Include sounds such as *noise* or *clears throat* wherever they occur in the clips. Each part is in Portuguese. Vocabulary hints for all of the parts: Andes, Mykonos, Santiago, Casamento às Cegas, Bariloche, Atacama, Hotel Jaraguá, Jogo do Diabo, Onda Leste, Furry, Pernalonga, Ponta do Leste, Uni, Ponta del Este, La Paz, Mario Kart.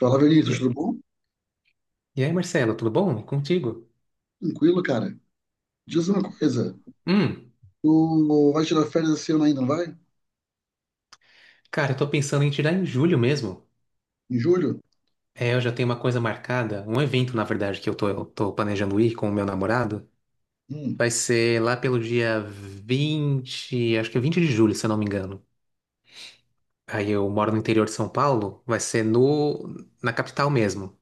Fala, Vinícius, E tudo bom? e aí, Marcelo, tudo bom? E contigo? Tranquilo, cara. Diz uma coisa, Hum, tu vai tirar férias esse ano ainda, não vai? Cara, eu tô pensando em tirar em julho mesmo. Em julho? É, eu já tenho uma coisa marcada, um evento, na verdade, que eu tô planejando ir com o meu namorado. Hum, Vai ser lá pelo dia 20, acho que é 20 de julho, se eu não me engano. Aí eu moro no interior de São Paulo, vai ser no, na capital mesmo.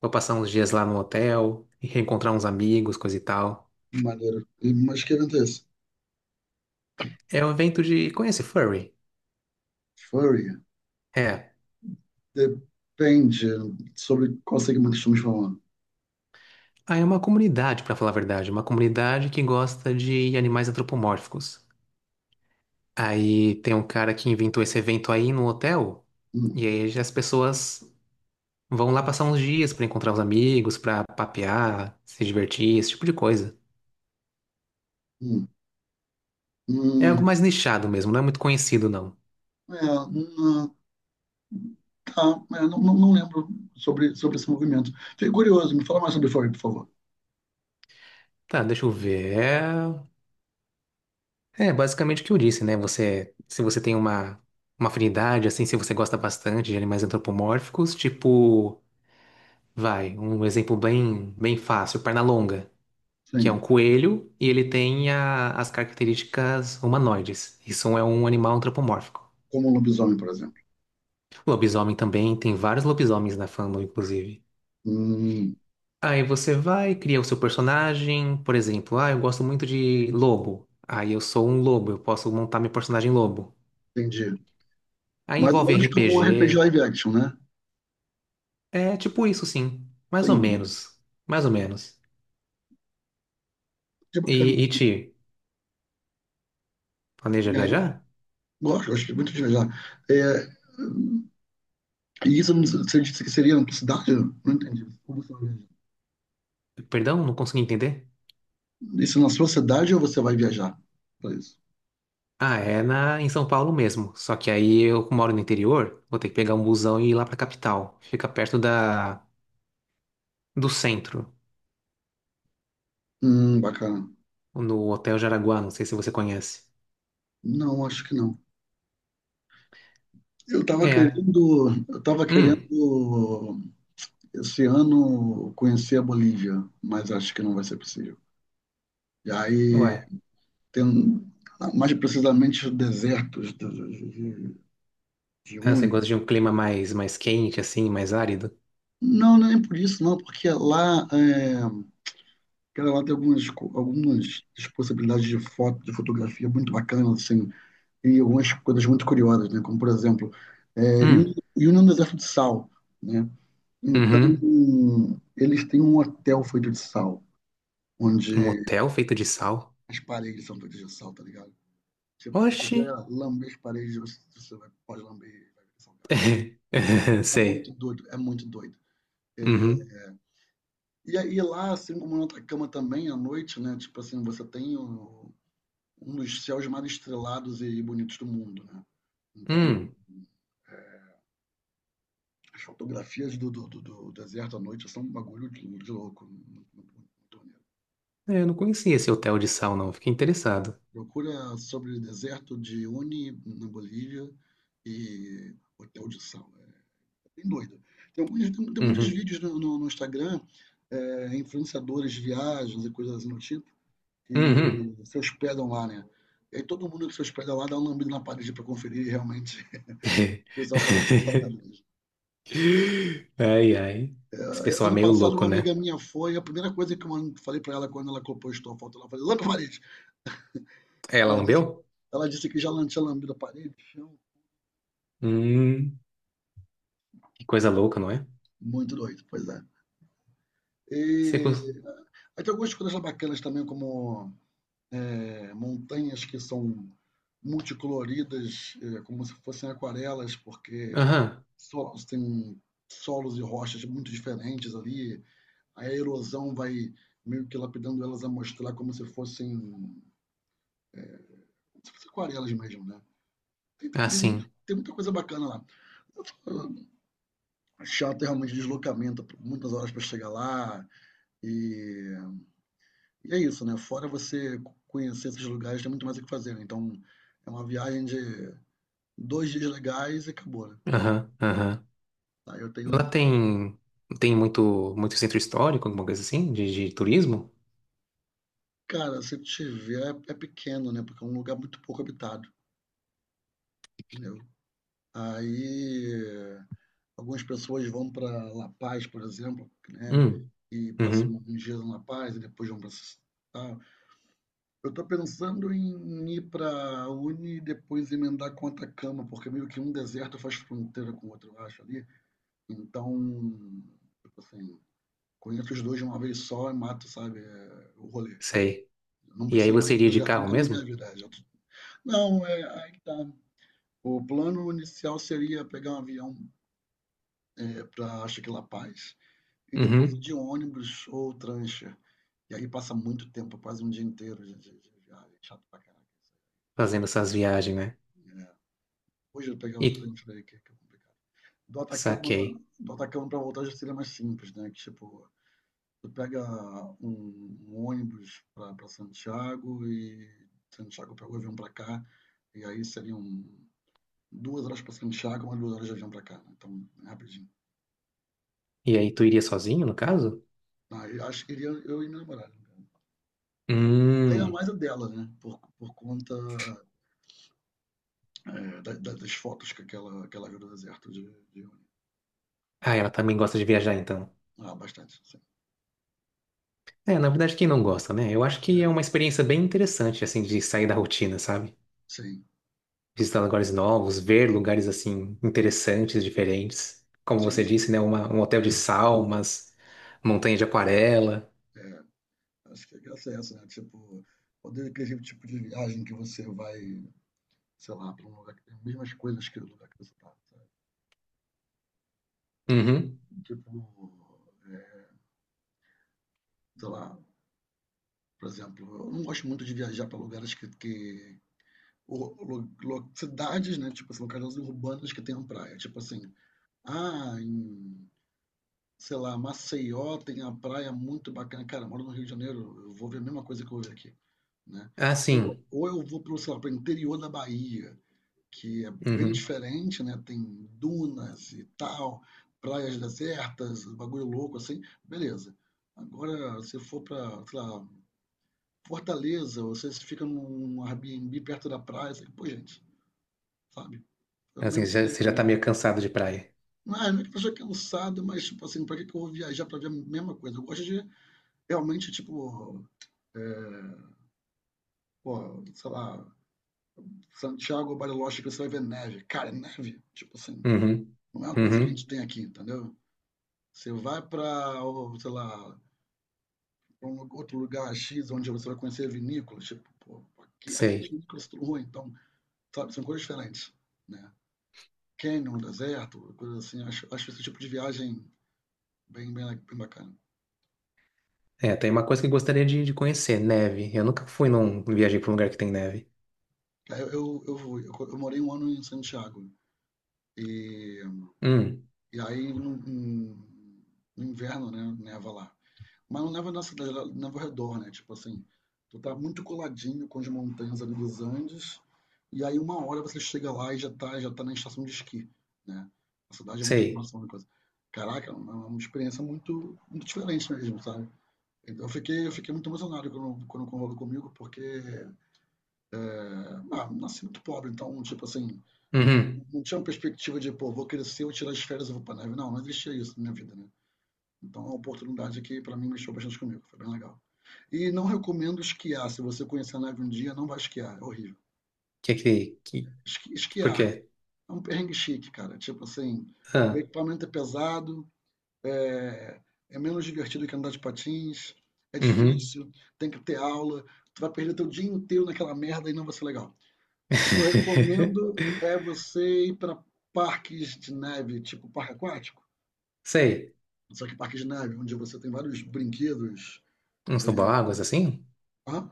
Vou passar uns dias lá no hotel e reencontrar uns amigos, coisa e tal. maneiro. Mas que evento é esse? Conhece furry? Furry. É. Depende sobre qual segmento estamos falando. Ah, é uma comunidade, pra falar a verdade, uma comunidade que gosta de animais antropomórficos. Aí tem um cara que inventou esse evento aí no hotel, Hum, e aí as pessoas vão lá passar uns dias pra encontrar os amigos, pra papear, se divertir, esse tipo de coisa. hum, É algo hum. mais nichado mesmo, não é muito conhecido não. É, hum, tá, é, não, não, não lembro sobre esse movimento. Fiquei curioso, me fala mais sobre Furry, por favor. Tá, deixa eu ver. É basicamente o que eu disse, né? Se você tem uma afinidade, assim, se você gosta bastante de animais antropomórficos, tipo, vai, um exemplo bem bem fácil, Pernalonga. Que é um Sim, coelho e ele tem as características humanoides. Isso é um animal antropomórfico. como um lobisomem, por exemplo. Lobisomem também, tem vários lobisomens na fandom, inclusive. Hum, Aí você vai, cria o seu personagem, por exemplo, ah, eu gosto muito de lobo. Aí eu sou um lobo, eu posso montar meu personagem lobo. entendi. Aí Mais ou envolve menos como um RPG RPG. live action, né? É tipo isso, sim. Mais ou Entendi. menos. Mais ou menos. Que bacana. E, e planeja E aí, viajar? gosto muito de viajar. É, e você disse que seria na sua cidade? Eu não entendi. Como você vai viajar? Perdão, não consegui entender. Isso é na sua cidade ou você vai viajar para isso? Ah, é na, em São Paulo mesmo. Só que aí eu moro no interior, vou ter que pegar um busão e ir lá pra capital. Fica perto da, do centro, Bacana. no Hotel Jaraguá, não sei se você conhece. Não, acho que não. Eu tava É. querendo, eu tava Hum, querendo esse ano conhecer a Bolívia, mas acho que não vai ser possível. E aí ué. tendo mais precisamente os desertos de Ah, você Uni. gosta de um clima mais quente, assim, mais árido? Não, nem por isso, não, porque lá tem algumas, algumas possibilidades de foto, de fotografia muito bacanas, assim, e algumas coisas muito curiosas, né? Como por exemplo, Uni Hum, Uni é um deserto de sal, né? Então, uhum. eles têm um hotel feito de sal, Um onde hotel feito de sal? as paredes são feitas de sal, tá ligado? Tipo, se você Oxi. quiser lamber as paredes, pode lamber e vai ver salgado. *laughs* É muito Sei. doido, é muito doido. Uhum. E aí lá, assim como na outra cama também, à noite, né? Tipo assim, você tem um dos céus mais estrelados e bonitos do mundo, né? Então, Hum. as fotografias do deserto à noite são um bagulho de louco. Muito, muito, muito maneiro. É, eu não conhecia esse hotel de sal, não. Fiquei interessado. Procura sobre o deserto de Uni, na Bolívia, e Hotel de Sal. É bem doido. Tem muitos Uhum. vídeos no Instagram, influenciadores de viagens e coisas assim do tipo, Uhum. que se hospedam lá, né? E aí todo mundo que se hospeda lá dá um lambido na parede para conferir e realmente *laughs* o pessoal fala que sabe *laughs* mesmo. Ai, ai. Esse pessoal é Ano meio passado, louco, uma né? amiga minha foi, a primeira coisa que eu falei para ela quando ela compostou a foto, ela falou, lambe a parede! É, ela Ela disse, lambeu? ela disse que já tinha lambido a parede, chão. Hum, que coisa louca, não é? Muito doido, pois é. E Você cons... aí tem algumas coisas bacanas também, como montanhas que são multicoloridas, como se fossem aquarelas, porque Aham, tem solos e rochas muito diferentes ali. Aí a erosão vai meio que lapidando elas a mostrar como se fossem aquarelas mesmo, né? Tem, tem, ah, tem sim. muito- tem muita coisa bacana lá. Chato é realmente deslocamento, muitas horas para chegar lá. E, e é isso, né? Fora você conhecer esses lugares, tem muito mais o que fazer. Né? Então é uma viagem de 2 dias legais e acabou, né? Aham, aham. Aí eu Lá tenho. tem muito, muito centro histórico, alguma coisa assim, de turismo? Cara, se tiver, é pequeno, né? Porque é um lugar muito pouco habitado. Né? Aí algumas pessoas vão para La Paz, por exemplo, né, Hum, e passam uhum, alguns dias em La Paz e depois vão para. Eu estou pensando em ir para Uni e depois emendar com Atacama, porque meio que um deserto faz fronteira com o outro, eu acho ali. Então, tipo assim, conheço os dois de uma vez só e mato, sabe, o rolê. sei. Não E aí preciso mais você ir para o iria de deserto carro nunca na minha mesmo? vida. Não, é, aí tá. O plano inicial seria pegar um avião. É, pra acho que La Paz, e depois é de Uhum, ônibus ou prancha. E aí passa muito tempo, quase um dia inteiro de viagem, chato pra caraca isso fazendo essas viagens, né? aí. É, hoje eu pegar o E trem por aí que é complicado. Do Atacama saquei. do Atacama para voltar já seria mais simples, né, que tipo, tu pega um ônibus pra Santiago e Santiago pega o avião pra cá, e aí seriam 2 horas pra Santiago, mais 2 horas de avião pra cá, né, então é rapidinho. E aí tu iria sozinho, no caso? Aí acho que iria eu e namorar namorada. Ganha Hum. mais a dela, né? Por conta das fotos que aquela viu do deserto de Uni. Ah, ela também gosta de viajar, então. Ah, bastante, sim. É, na verdade, quem não gosta, né? Eu acho que é uma É, experiência bem interessante, assim, de sair da rotina, sabe? sim, Visitar lugares novos, ver lugares, assim, interessantes, diferentes. Como sim, você isso. disse, né? Um hotel de salmas, montanha de aquarela. É, acho que a graça é essa, né? Tipo, poder aquele tipo de viagem que você vai, sei lá, para um lugar que tem as mesmas coisas que o lugar que você tá, sabe? Ti- Uhum. Tipo, sei lá, por exemplo, eu não gosto muito de viajar para lugares que ou, cidades, né? Tipo assim, locais urbanas que tenham praia. Tipo assim, ah, em, sei lá, Maceió tem a praia muito bacana. Cara, eu moro no Rio de Janeiro, eu vou ver a mesma coisa que eu vejo aqui, né? Ah, Ou, sim. ou eu vou para sei lá, pro interior da Bahia, que é bem Uhum. diferente, né? Tem dunas e tal, praias desertas, bagulho louco assim, beleza. Agora, se for para sei lá, Fortaleza, ou se você fica num Airbnb perto da praia, assim, pô, gente, sabe? É o Assim, mesmo você sempre, já tá né? meio cansado de praia. Não é, não é que a pessoa é cansado, mas, tipo assim, pra que que eu vou viajar pra ver a mesma coisa? Eu gosto de. Realmente, tipo, pô, sei lá, Santiago, Bariloche, que você vai ver neve. Cara, é neve. Tipo assim, Uhum. não é uma coisa que a gente Uhum. tem aqui, entendeu? Você vai pra, ou, sei lá, pra um outro lugar X, onde você vai conhecer vinícolas. Tipo, pô, aqui as Sei. vinícolas tudo ruim, então, sabe, são coisas diferentes, né? Canyon, deserto, coisas assim. Acho esse tipo de viagem bem, bem, bem bacana. É, tem uma coisa que eu gostaria de conhecer, neve. Eu nunca viajei pra um lugar que tem neve. Aí eu, fui- eu, co- eu morei um ano em Santiago. E, Hum. e aí, no inverno, né, neva lá. Mas não leva na cidade, ela leva ao redor, né? Tipo assim, tu tá muito coladinho com as montanhas ali dos Andes, e aí uma hora você chega lá e já tá na estação de esqui, né? A cidade é muito Sei. próxima da coisa. Caraca, é uma experiência muito, muito diferente mesmo, sabe? Eu fiquei muito emocionado quando rolou comigo, porque ah, nasci muito pobre, então, tipo assim, Uhum. não tinha uma perspectiva de, pô, vou crescer, vou tirar as férias e vou pra neve. Não, não existia isso na minha vida, né? Então, é uma oportunidade que, para mim, mexeu bastante comigo. Foi bem legal. E não recomendo esquiar. Se você conhecer a neve um dia, não vai esquiar. É horrível. Que que... que... Por Esquiar quê? é um perrengue chique, cara. Tipo assim, o equipamento é pesado, é, é menos divertido que andar de patins, é Uhum. difícil, tem que ter aula. Tu vai perder teu dia inteiro naquela merda e não vai ser legal. O que eu *laughs* recomendo é você ir para parques de neve, tipo parque aquático. Sei. Só que parque de neve, onde você tem vários brinquedos. Uns toboáguas assim? Hã?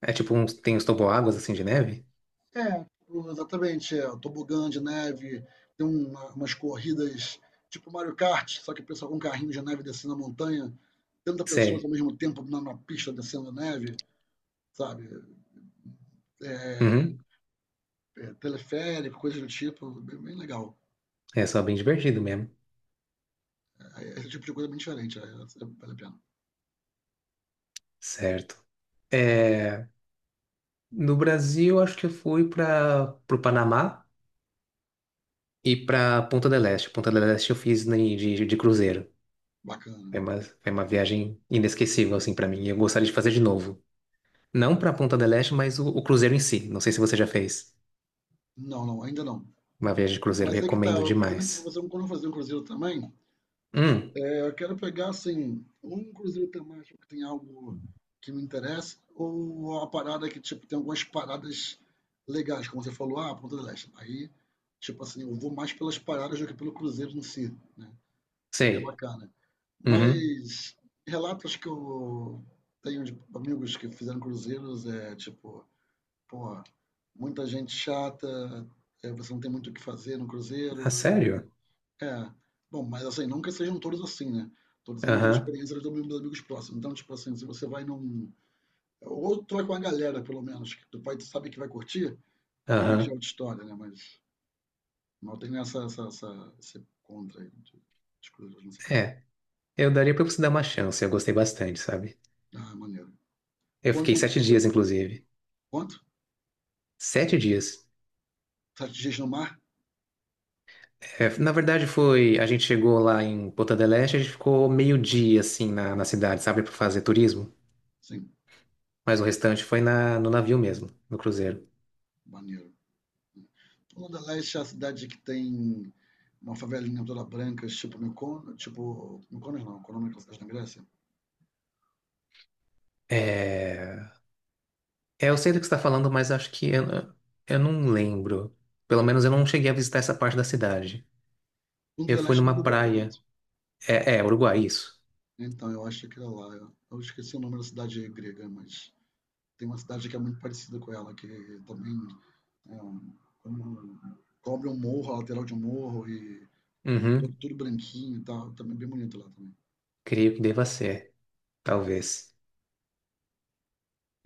É tipo uns. Tem uns toboáguas assim de neve? É, exatamente, é, o tobogã de neve, tem umas corridas tipo Mario Kart, só que o pessoal com um carrinho de neve descendo a montanha, 30 pessoas ao Sei. mesmo tempo na pista descendo a neve, sabe? É, Uhum. é, teleférico, coisa do tipo, bem, bem legal. É só bem divertido mesmo. É, esse tipo de coisa é bem diferente, vale a pena. Certo. É, no Brasil, acho que eu fui para o Panamá e para Ponta del Este. Ponta del Este eu fiz de cruzeiro. Bacana. Foi uma viagem inesquecível, assim, para mim. E eu gostaria de fazer de novo. Não para Ponta del Este, mas o cruzeiro em si. Não sei se você já fez Não, não, ainda não. uma viagem de cruzeiro. Mas é que tá, Recomendo eu pretendo demais. fazer um, quando eu fazer um cruzeiro também, Hum, é, eu quero pegar, assim, um cruzeiro temático que tem algo que me interessa, ou uma parada que, tipo, tem algumas paradas legais, como você falou, ah, Ponta do Leste. Aí, tipo assim, eu vou mais pelas paradas do que pelo cruzeiro em si, né? Seria sei. bacana. Uhum. Mas relatos que eu tenho de amigos que fizeram cruzeiros é, tipo, porra, muita gente chata, é, você não tem muito o que fazer no Ah, cruzeiro sério? é. Bom, mas assim, não que sejam todos assim, né. Tô dizendo que as Aham, experiências dos meus amigos próximos. Então, tipo assim, se você vai num ou tu vai com a galera pelo menos, que tu vai tu sabe que vai curtir, aí já é aham. outra história, né, mas não tem essa essa essa esse contra aí de cruzeiros nessa pegada. É, eu daria pra você dar uma chance, eu gostei bastante, sabe? Ah, maneiro. Eu Quanto fiquei tempo tu sete ficou dias, inclusive. quanto? 7 dias. 7 dias no mar? É, na verdade, foi. A gente chegou lá em Ponta del Este, a gente ficou meio-dia, assim, na, cidade, sabe, pra fazer turismo. Sim, Mas o restante foi no navio mesmo, no cruzeiro. maneiro. Onda Leste é a cidade que tem uma favelinha toda branca, tipo, Mykonos não, qual é o nome daquela cidade na Grécia? É, é, eu sei do que você está falando, mas acho que eu não lembro. Pelo menos eu não cheguei a visitar essa parte da cidade. Eu Onda fui Leste no numa Uruguai, praia. correto? É Uruguai, isso. Então, eu acho que era lá. Eu esqueci o nome da cidade grega, mas tem uma cidade que é muito parecida com ela, que também é um, como cobre um morro, a lateral de um morro, e tudo, Uhum. tudo branquinho e tal. Também bem bonito lá também. Creio que deva ser, talvez.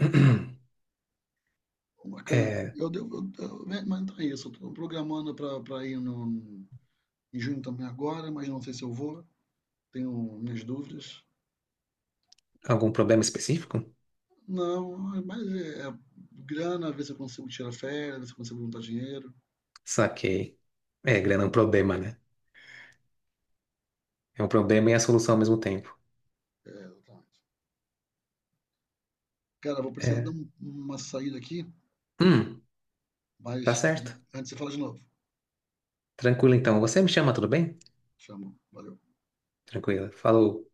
*clears throat* Bacana. É Eu devo, né, mas então é isso. Eu tô programando pra ir no, em junho também agora, mas não sei se eu vou. Tenho minhas dúvidas. algum problema específico? Não, mas é grana, ver se eu consigo tirar férias, ver se eu consigo juntar dinheiro. Saquei. É, grana é um problema, né? É um problema e é a solução ao mesmo tempo. É, exatamente. Cara, vou precisar dar É. Uma saída aqui, Hum, tá mas certo. antes você fala de novo. Tranquilo então. Você me chama, tudo bem? Chama, valeu. Tranquilo. Falou.